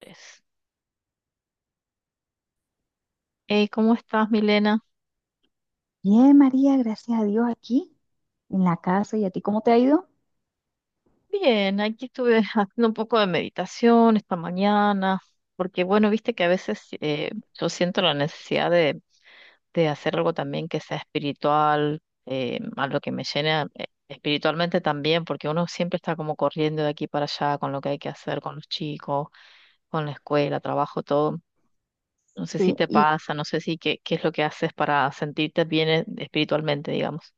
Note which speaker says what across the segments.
Speaker 1: Pues, hey, ¿cómo estás, Milena?
Speaker 2: Bien, María, gracias a Dios aquí en la casa. ¿Y a ti cómo te ha ido?
Speaker 1: Bien, aquí estuve haciendo un poco de meditación esta mañana, porque bueno, viste que a veces yo siento la necesidad de hacer algo también que sea espiritual, algo que me llene espiritualmente también, porque uno siempre está como corriendo de aquí para allá con lo que hay que hacer con los chicos, con la escuela, trabajo, todo. No sé si
Speaker 2: Sí,
Speaker 1: te
Speaker 2: y
Speaker 1: pasa, no sé si qué es lo que haces para sentirte bien espiritualmente, digamos.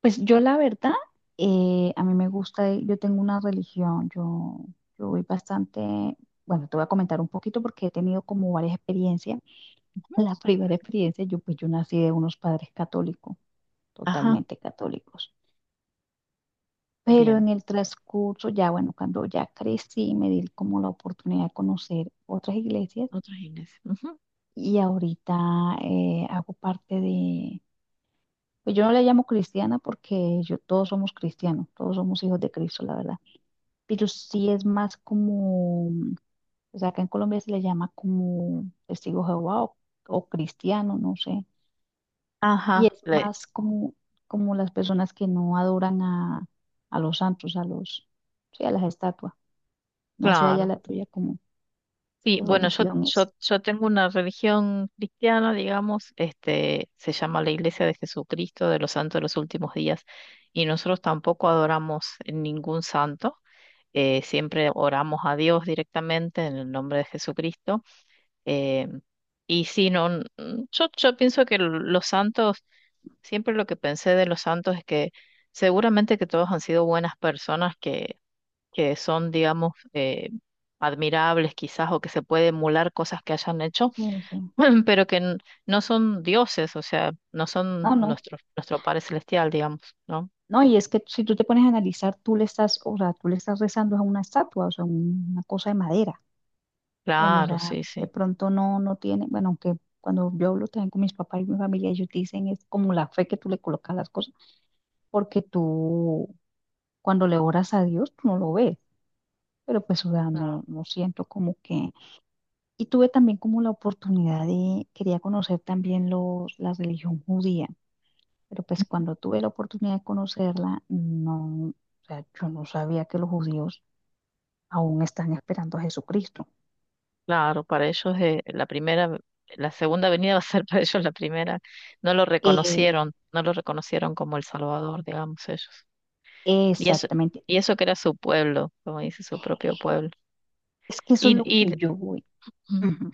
Speaker 2: pues yo la verdad, a mí me gusta, yo tengo una religión, yo voy bastante, bueno, te voy a comentar un poquito porque he tenido como varias experiencias.
Speaker 1: Ujú.
Speaker 2: La primera experiencia, yo pues yo nací de unos padres católicos,
Speaker 1: Ajá,
Speaker 2: totalmente católicos. Pero
Speaker 1: bien.
Speaker 2: en el transcurso, ya bueno, cuando ya crecí, me di como la oportunidad de conocer otras iglesias
Speaker 1: Otros inés, ujú.
Speaker 2: y ahorita hago parte de... Pues yo no le llamo cristiana porque yo, todos somos cristianos, todos somos hijos de Cristo, la verdad. Pero sí es más como, o sea, acá en Colombia se le llama como testigo de Jehová o cristiano, no sé. Y
Speaker 1: Ajá,
Speaker 2: es más como las personas que no adoran a los santos, a los, sí, a las estatuas. No sé allá
Speaker 1: Claro.
Speaker 2: la tuya como
Speaker 1: Sí,
Speaker 2: qué
Speaker 1: bueno, yo,
Speaker 2: religión es.
Speaker 1: yo, yo tengo una religión cristiana, digamos, este, se llama la Iglesia de Jesucristo de los Santos de los Últimos Días, y nosotros tampoco adoramos ningún santo, siempre oramos a Dios directamente en el nombre de Jesucristo. eh, y sí, no, yo pienso que los santos. Siempre lo que pensé de los santos es que seguramente que todos han sido buenas personas que son, digamos, admirables quizás o que se puede emular cosas que hayan hecho,
Speaker 2: Sí, sí.
Speaker 1: pero no son dioses, o sea, no son
Speaker 2: No, no.
Speaker 1: nuestro Padre Celestial, digamos, ¿no?
Speaker 2: No, y es que si tú te pones a analizar, tú le estás, o sea, tú le estás rezando a una estatua, o sea, una cosa de madera. Bueno, o
Speaker 1: Claro,
Speaker 2: sea,
Speaker 1: sí,
Speaker 2: de
Speaker 1: sí.
Speaker 2: pronto no, no tiene, bueno, aunque cuando yo hablo también con mis papás y mi familia, ellos dicen es como la fe que tú le colocas a las cosas, porque tú cuando le oras a Dios, tú no lo ves, pero pues, o sea, no,
Speaker 1: No,
Speaker 2: no siento como que... Y tuve también como la oportunidad de, quería conocer también la religión judía, pero pues cuando tuve la oportunidad de conocerla, no, o sea, yo no sabía que los judíos aún están esperando a Jesucristo.
Speaker 1: claro, para ellos la primera, la segunda venida va a ser para ellos la primera. No lo
Speaker 2: Eh,
Speaker 1: reconocieron, no lo reconocieron como el Salvador, digamos, ellos. Y eso,
Speaker 2: Exactamente.
Speaker 1: y eso que era su pueblo, como dice, su propio pueblo.
Speaker 2: Es que eso es
Speaker 1: Y,
Speaker 2: lo
Speaker 1: y,
Speaker 2: que yo voy.
Speaker 1: mm,
Speaker 2: Ujú.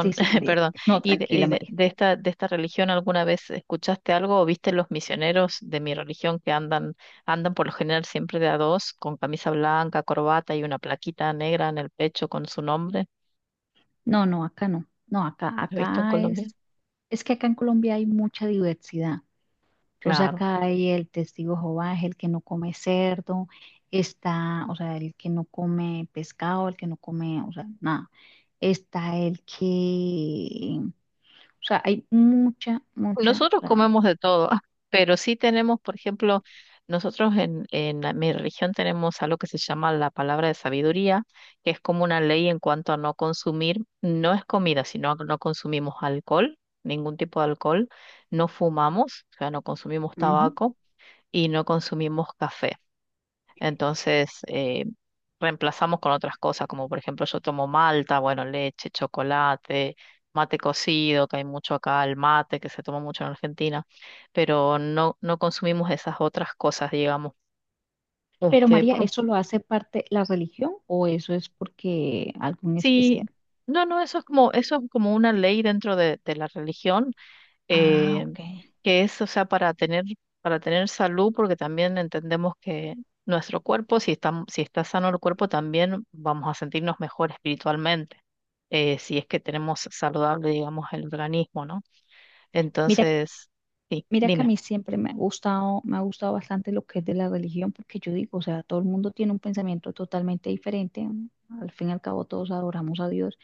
Speaker 2: Sí, sí, María.
Speaker 1: perdón.
Speaker 2: No,
Speaker 1: ¿Y, de,
Speaker 2: tranquila,
Speaker 1: y de-
Speaker 2: María.
Speaker 1: de esta, de esta religión alguna vez escuchaste algo o viste los misioneros de mi religión que andan, andan por lo general siempre de a dos, con camisa blanca, corbata y una plaquita negra en el pecho con su nombre?
Speaker 2: No, no, acá no. No, acá,
Speaker 1: ¿Lo has visto en
Speaker 2: acá
Speaker 1: Colombia?
Speaker 2: es, que acá en Colombia hay mucha diversidad. Entonces
Speaker 1: Claro.
Speaker 2: acá hay el testigo de Jehová, es el que no come cerdo, está, o sea, el que no come pescado, el que no come, o sea, nada. Está el que, o sea, hay mucha, mucha, o
Speaker 1: Nosotros
Speaker 2: sea,
Speaker 1: comemos de todo, pero sí tenemos, por ejemplo, nosotros en, mi religión tenemos algo que se llama la palabra de sabiduría, que es como una ley en cuanto a no consumir, no es comida, sino que no consumimos alcohol, ningún tipo de alcohol, no fumamos, o sea, no consumimos
Speaker 2: ujú.
Speaker 1: tabaco y no consumimos café. Entonces, reemplazamos con otras cosas, como por ejemplo yo tomo malta, bueno, leche, chocolate, mate cocido, que hay mucho acá, el mate que se toma mucho en Argentina, pero no, no consumimos esas otras cosas, digamos.
Speaker 2: Pero
Speaker 1: Este,
Speaker 2: María,
Speaker 1: por
Speaker 2: ¿eso lo hace parte la religión o eso es porque algún especial?
Speaker 1: sí, no, no, eso es como una ley dentro de la religión,
Speaker 2: Ah,
Speaker 1: eh,
Speaker 2: ok.
Speaker 1: que es, o sea, para tener salud, porque también entendemos que nuestro cuerpo, si está sano el cuerpo, también vamos a sentirnos mejor espiritualmente, si es que tenemos saludable, digamos, el organismo, ¿no?
Speaker 2: Mira
Speaker 1: Entonces, sí,
Speaker 2: Mira que
Speaker 1: dime.
Speaker 2: a mí siempre me ha gustado bastante lo que es de la religión, porque yo digo, o sea, todo el mundo tiene un pensamiento totalmente diferente, ¿no? Al fin y al cabo todos adoramos a Dios,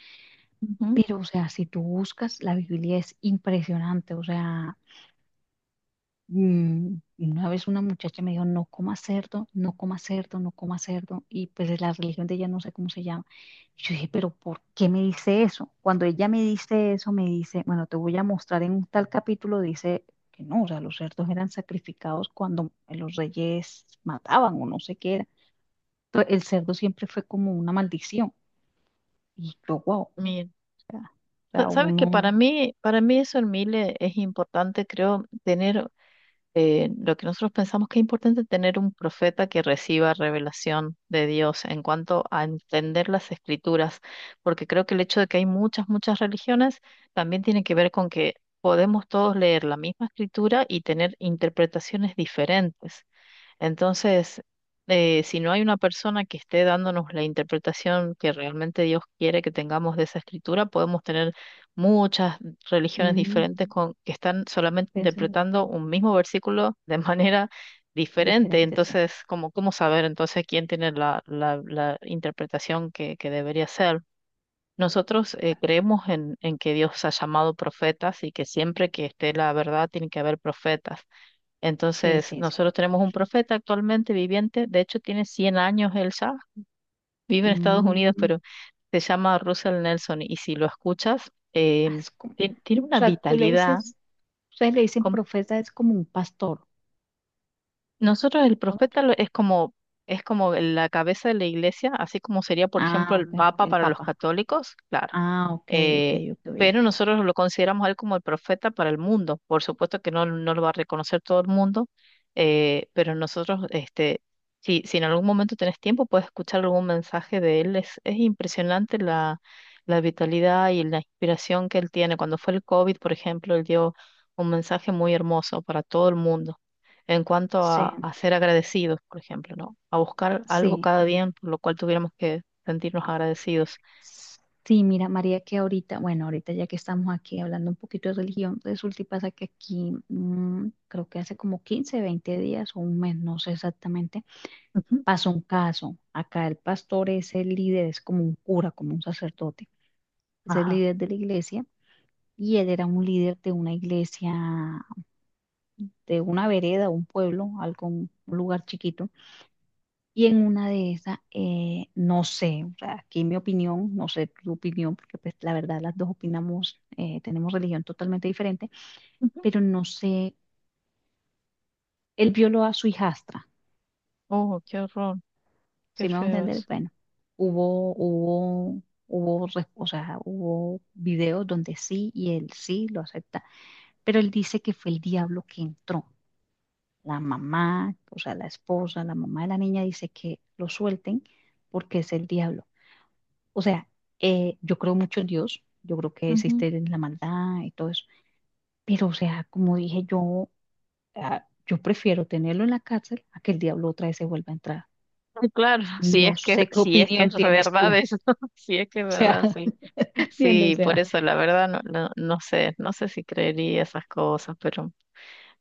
Speaker 1: Ujú.
Speaker 2: pero o sea, si tú buscas, la Biblia es impresionante, o sea... Mm, una vez una muchacha me dijo: no coma cerdo, no coma cerdo, no coma cerdo. Y pues es la religión de ella, no sé cómo se llama. Y yo dije: pero ¿por qué me dice eso? Cuando ella me dice eso, me dice, bueno, te voy a mostrar en un tal capítulo, dice que no, o sea, los cerdos eran sacrificados cuando los reyes mataban o no sé qué era. Entonces, el cerdo siempre fue como una maldición. Y yo, wow, o
Speaker 1: Bien.
Speaker 2: sea,
Speaker 1: Sabes que para
Speaker 2: uno,
Speaker 1: mí, para mí eso en Mile es importante, creo, tener lo que nosotros pensamos que es importante es tener un profeta que reciba revelación de Dios en cuanto a entender las escrituras, porque creo que el hecho de que hay muchas religiones también tiene que ver con que podemos todos leer la misma escritura y tener interpretaciones diferentes. Entonces, si no hay una persona que esté dándonos la interpretación que realmente Dios quiere que tengamos de esa escritura, podemos tener muchas religiones
Speaker 2: mm,
Speaker 1: diferentes con, que están solamente
Speaker 2: pensé, mira,
Speaker 1: interpretando un mismo versículo de manera diferente.
Speaker 2: diferente, sí.
Speaker 1: Entonces, ¿cómo, cómo saber entonces quién tiene la interpretación que debería ser? Nosotros
Speaker 2: Vale.
Speaker 1: creemos en que Dios ha llamado profetas y que siempre que esté la verdad tiene que haber profetas.
Speaker 2: Sí,
Speaker 1: Entonces,
Speaker 2: sí, sí.
Speaker 1: nosotros tenemos un profeta actualmente viviente, de hecho tiene 100 años, Elsa, vive en Estados Unidos,
Speaker 2: Mm,
Speaker 1: pero se llama Russell Nelson y si lo escuchas,
Speaker 2: ah, es como,
Speaker 1: tiene
Speaker 2: o
Speaker 1: una
Speaker 2: sea, tú le
Speaker 1: vitalidad.
Speaker 2: dices, ustedes le dicen profeta, es como un pastor,
Speaker 1: Nosotros el
Speaker 2: ¿no?
Speaker 1: profeta es como la cabeza de la iglesia, así como sería, por ejemplo,
Speaker 2: Ah,
Speaker 1: el
Speaker 2: ok,
Speaker 1: papa
Speaker 2: el
Speaker 1: para los
Speaker 2: papa.
Speaker 1: católicos, claro.
Speaker 2: Ah, ok, ok,
Speaker 1: eh,
Speaker 2: ok.
Speaker 1: pero
Speaker 2: Oye.
Speaker 1: nosotros lo consideramos a él como el profeta para el mundo. Por supuesto que no, no lo va a reconocer todo el mundo, pero nosotros, este, si en algún momento tenés tiempo, puedes escuchar algún mensaje de él. Es impresionante la vitalidad y la inspiración que él tiene. Cuando fue el COVID, por ejemplo, él dio un mensaje muy hermoso para todo el mundo en cuanto
Speaker 2: Sí,
Speaker 1: a ser agradecidos, por ejemplo, ¿no? A buscar algo
Speaker 2: sí.
Speaker 1: cada día por lo cual tuviéramos que sentirnos agradecidos.
Speaker 2: Sí, mira, María, que ahorita, bueno, ahorita ya que estamos aquí hablando un poquito de religión, resulta y pasa que aquí, creo que hace como 15-20 días o un mes, no sé exactamente,
Speaker 1: Ujú.
Speaker 2: pasó un caso. Acá el pastor es el líder, es como un cura, como un sacerdote, es el
Speaker 1: Ajá.
Speaker 2: líder de la iglesia, y él era un líder de una iglesia de una vereda, un pueblo, algo, un lugar chiquito. Y en una de esas, no sé, o sea, aquí mi opinión, no sé tu opinión, porque pues la verdad las dos opinamos, tenemos religión totalmente diferente,
Speaker 1: Ujú.
Speaker 2: pero no sé, él violó a su hijastra,
Speaker 1: Oh, qué horror, qué
Speaker 2: ¿sí me va a
Speaker 1: feo
Speaker 2: entender?
Speaker 1: eso.
Speaker 2: Bueno, hubo, hubo, o sea, hubo videos donde sí, y él sí lo acepta, pero él dice que fue el diablo que entró. La mamá, o sea, la esposa, la mamá de la niña dice que lo suelten porque es el diablo. O sea, yo creo mucho en Dios, yo creo que
Speaker 1: Ujú.
Speaker 2: existe la maldad y todo eso, pero o sea, como dije yo, yo prefiero tenerlo en la cárcel a que el diablo otra vez se vuelva a entrar.
Speaker 1: Sí, claro, si
Speaker 2: No
Speaker 1: es que,
Speaker 2: sé qué
Speaker 1: si es que es
Speaker 2: opinión tienes tú,
Speaker 1: verdad
Speaker 2: o
Speaker 1: eso, si es que es
Speaker 2: sea,
Speaker 1: verdad, sí.
Speaker 2: ¿entiendes? O
Speaker 1: Sí, por
Speaker 2: sea,
Speaker 1: eso la verdad no, no, no sé si creería esas cosas, pero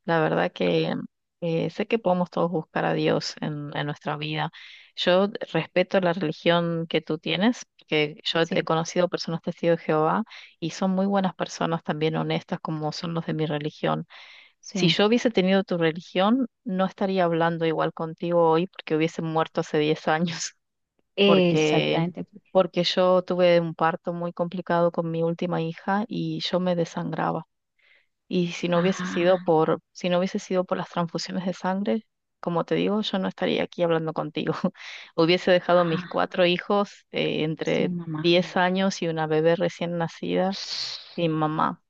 Speaker 1: la verdad que sé que podemos todos buscar a Dios en nuestra vida. Yo respeto la religión que tú tienes, que yo he
Speaker 2: sí,
Speaker 1: conocido personas testigos de Jehová y son muy buenas personas también honestas como son los de mi religión. Si
Speaker 2: sí,
Speaker 1: yo hubiese tenido tu religión, no estaría hablando igual contigo hoy porque hubiese muerto hace 10 años, porque,
Speaker 2: exactamente.
Speaker 1: porque yo tuve un parto muy complicado con mi última hija y yo me desangraba. Y si no hubiese sido
Speaker 2: Ah,
Speaker 1: por, si no hubiese sido por las transfusiones de sangre, como te digo, yo no estaría aquí hablando contigo. Hubiese dejado a mis
Speaker 2: ah,
Speaker 1: cuatro hijos
Speaker 2: sí,
Speaker 1: entre
Speaker 2: mamá.
Speaker 1: 10 años y una bebé recién nacida sin mamá.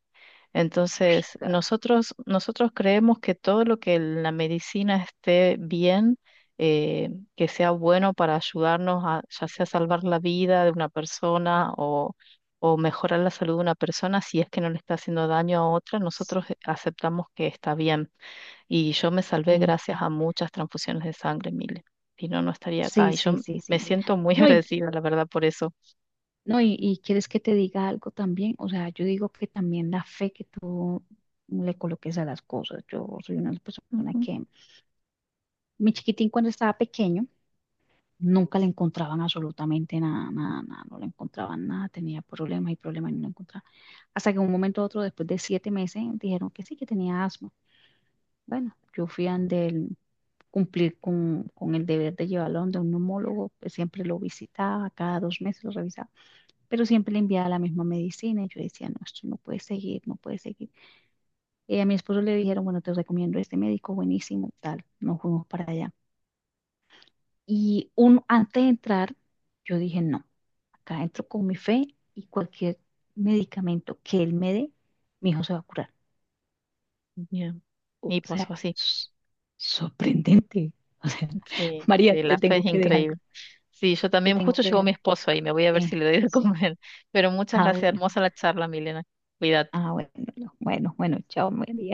Speaker 2: Uy,
Speaker 1: Entonces,
Speaker 2: claro.
Speaker 1: nosotros creemos que todo lo que la medicina esté bien, que sea bueno para ayudarnos a ya sea salvar la vida de una persona o mejorar la salud de una persona, si es que no le está haciendo daño a otra, nosotros aceptamos que está bien. Y yo me salvé
Speaker 2: Sí,
Speaker 1: gracias a muchas transfusiones de sangre, Mile. Si no, no estaría acá.
Speaker 2: sí,
Speaker 1: Y
Speaker 2: sí,
Speaker 1: yo
Speaker 2: sí,
Speaker 1: me
Speaker 2: sí.
Speaker 1: siento muy
Speaker 2: No, y,
Speaker 1: agradecida, la verdad, por eso.
Speaker 2: no, y quieres que te diga algo también. O sea, yo digo que también la fe que tú le coloques a las cosas. Yo soy una persona
Speaker 1: Ujú.
Speaker 2: que, mi chiquitín cuando estaba pequeño, nunca le encontraban absolutamente nada, nada, nada, no le encontraban nada, tenía problemas y problemas y no lo encontraban. Hasta que un momento u otro, después de 7 meses, dijeron que sí, que tenía asma. Bueno, yo fui a donde él cumplir con el deber de llevarlo donde un neumólogo, pues siempre lo visitaba, cada 2 meses lo revisaba, pero siempre le enviaba la misma medicina. Y yo decía: no, esto no puede seguir, no puede seguir. A mi esposo le dijeron: bueno, te recomiendo este médico, buenísimo, tal. Nos fuimos para allá. Antes de entrar, yo dije: no, acá entro con mi fe, y cualquier medicamento que él me dé, mi hijo se va a curar.
Speaker 1: Bien.
Speaker 2: O
Speaker 1: Y pasó
Speaker 2: sea,
Speaker 1: así.
Speaker 2: sorprendente. O sea,
Speaker 1: Sí,
Speaker 2: María,
Speaker 1: sí,
Speaker 2: te
Speaker 1: la fe es
Speaker 2: tengo que dejar,
Speaker 1: increíble. Sí, yo
Speaker 2: te
Speaker 1: también,
Speaker 2: tengo
Speaker 1: justo
Speaker 2: que
Speaker 1: llegó mi
Speaker 2: dejar.
Speaker 1: esposo ahí, me voy a ver si le
Speaker 2: Sí,
Speaker 1: doy de
Speaker 2: sí.
Speaker 1: comer. Pero muchas
Speaker 2: Ah,
Speaker 1: gracias,
Speaker 2: bueno,
Speaker 1: hermosa la charla, Milena. Cuídate.
Speaker 2: ah, bueno, bueno, bueno, chao, María.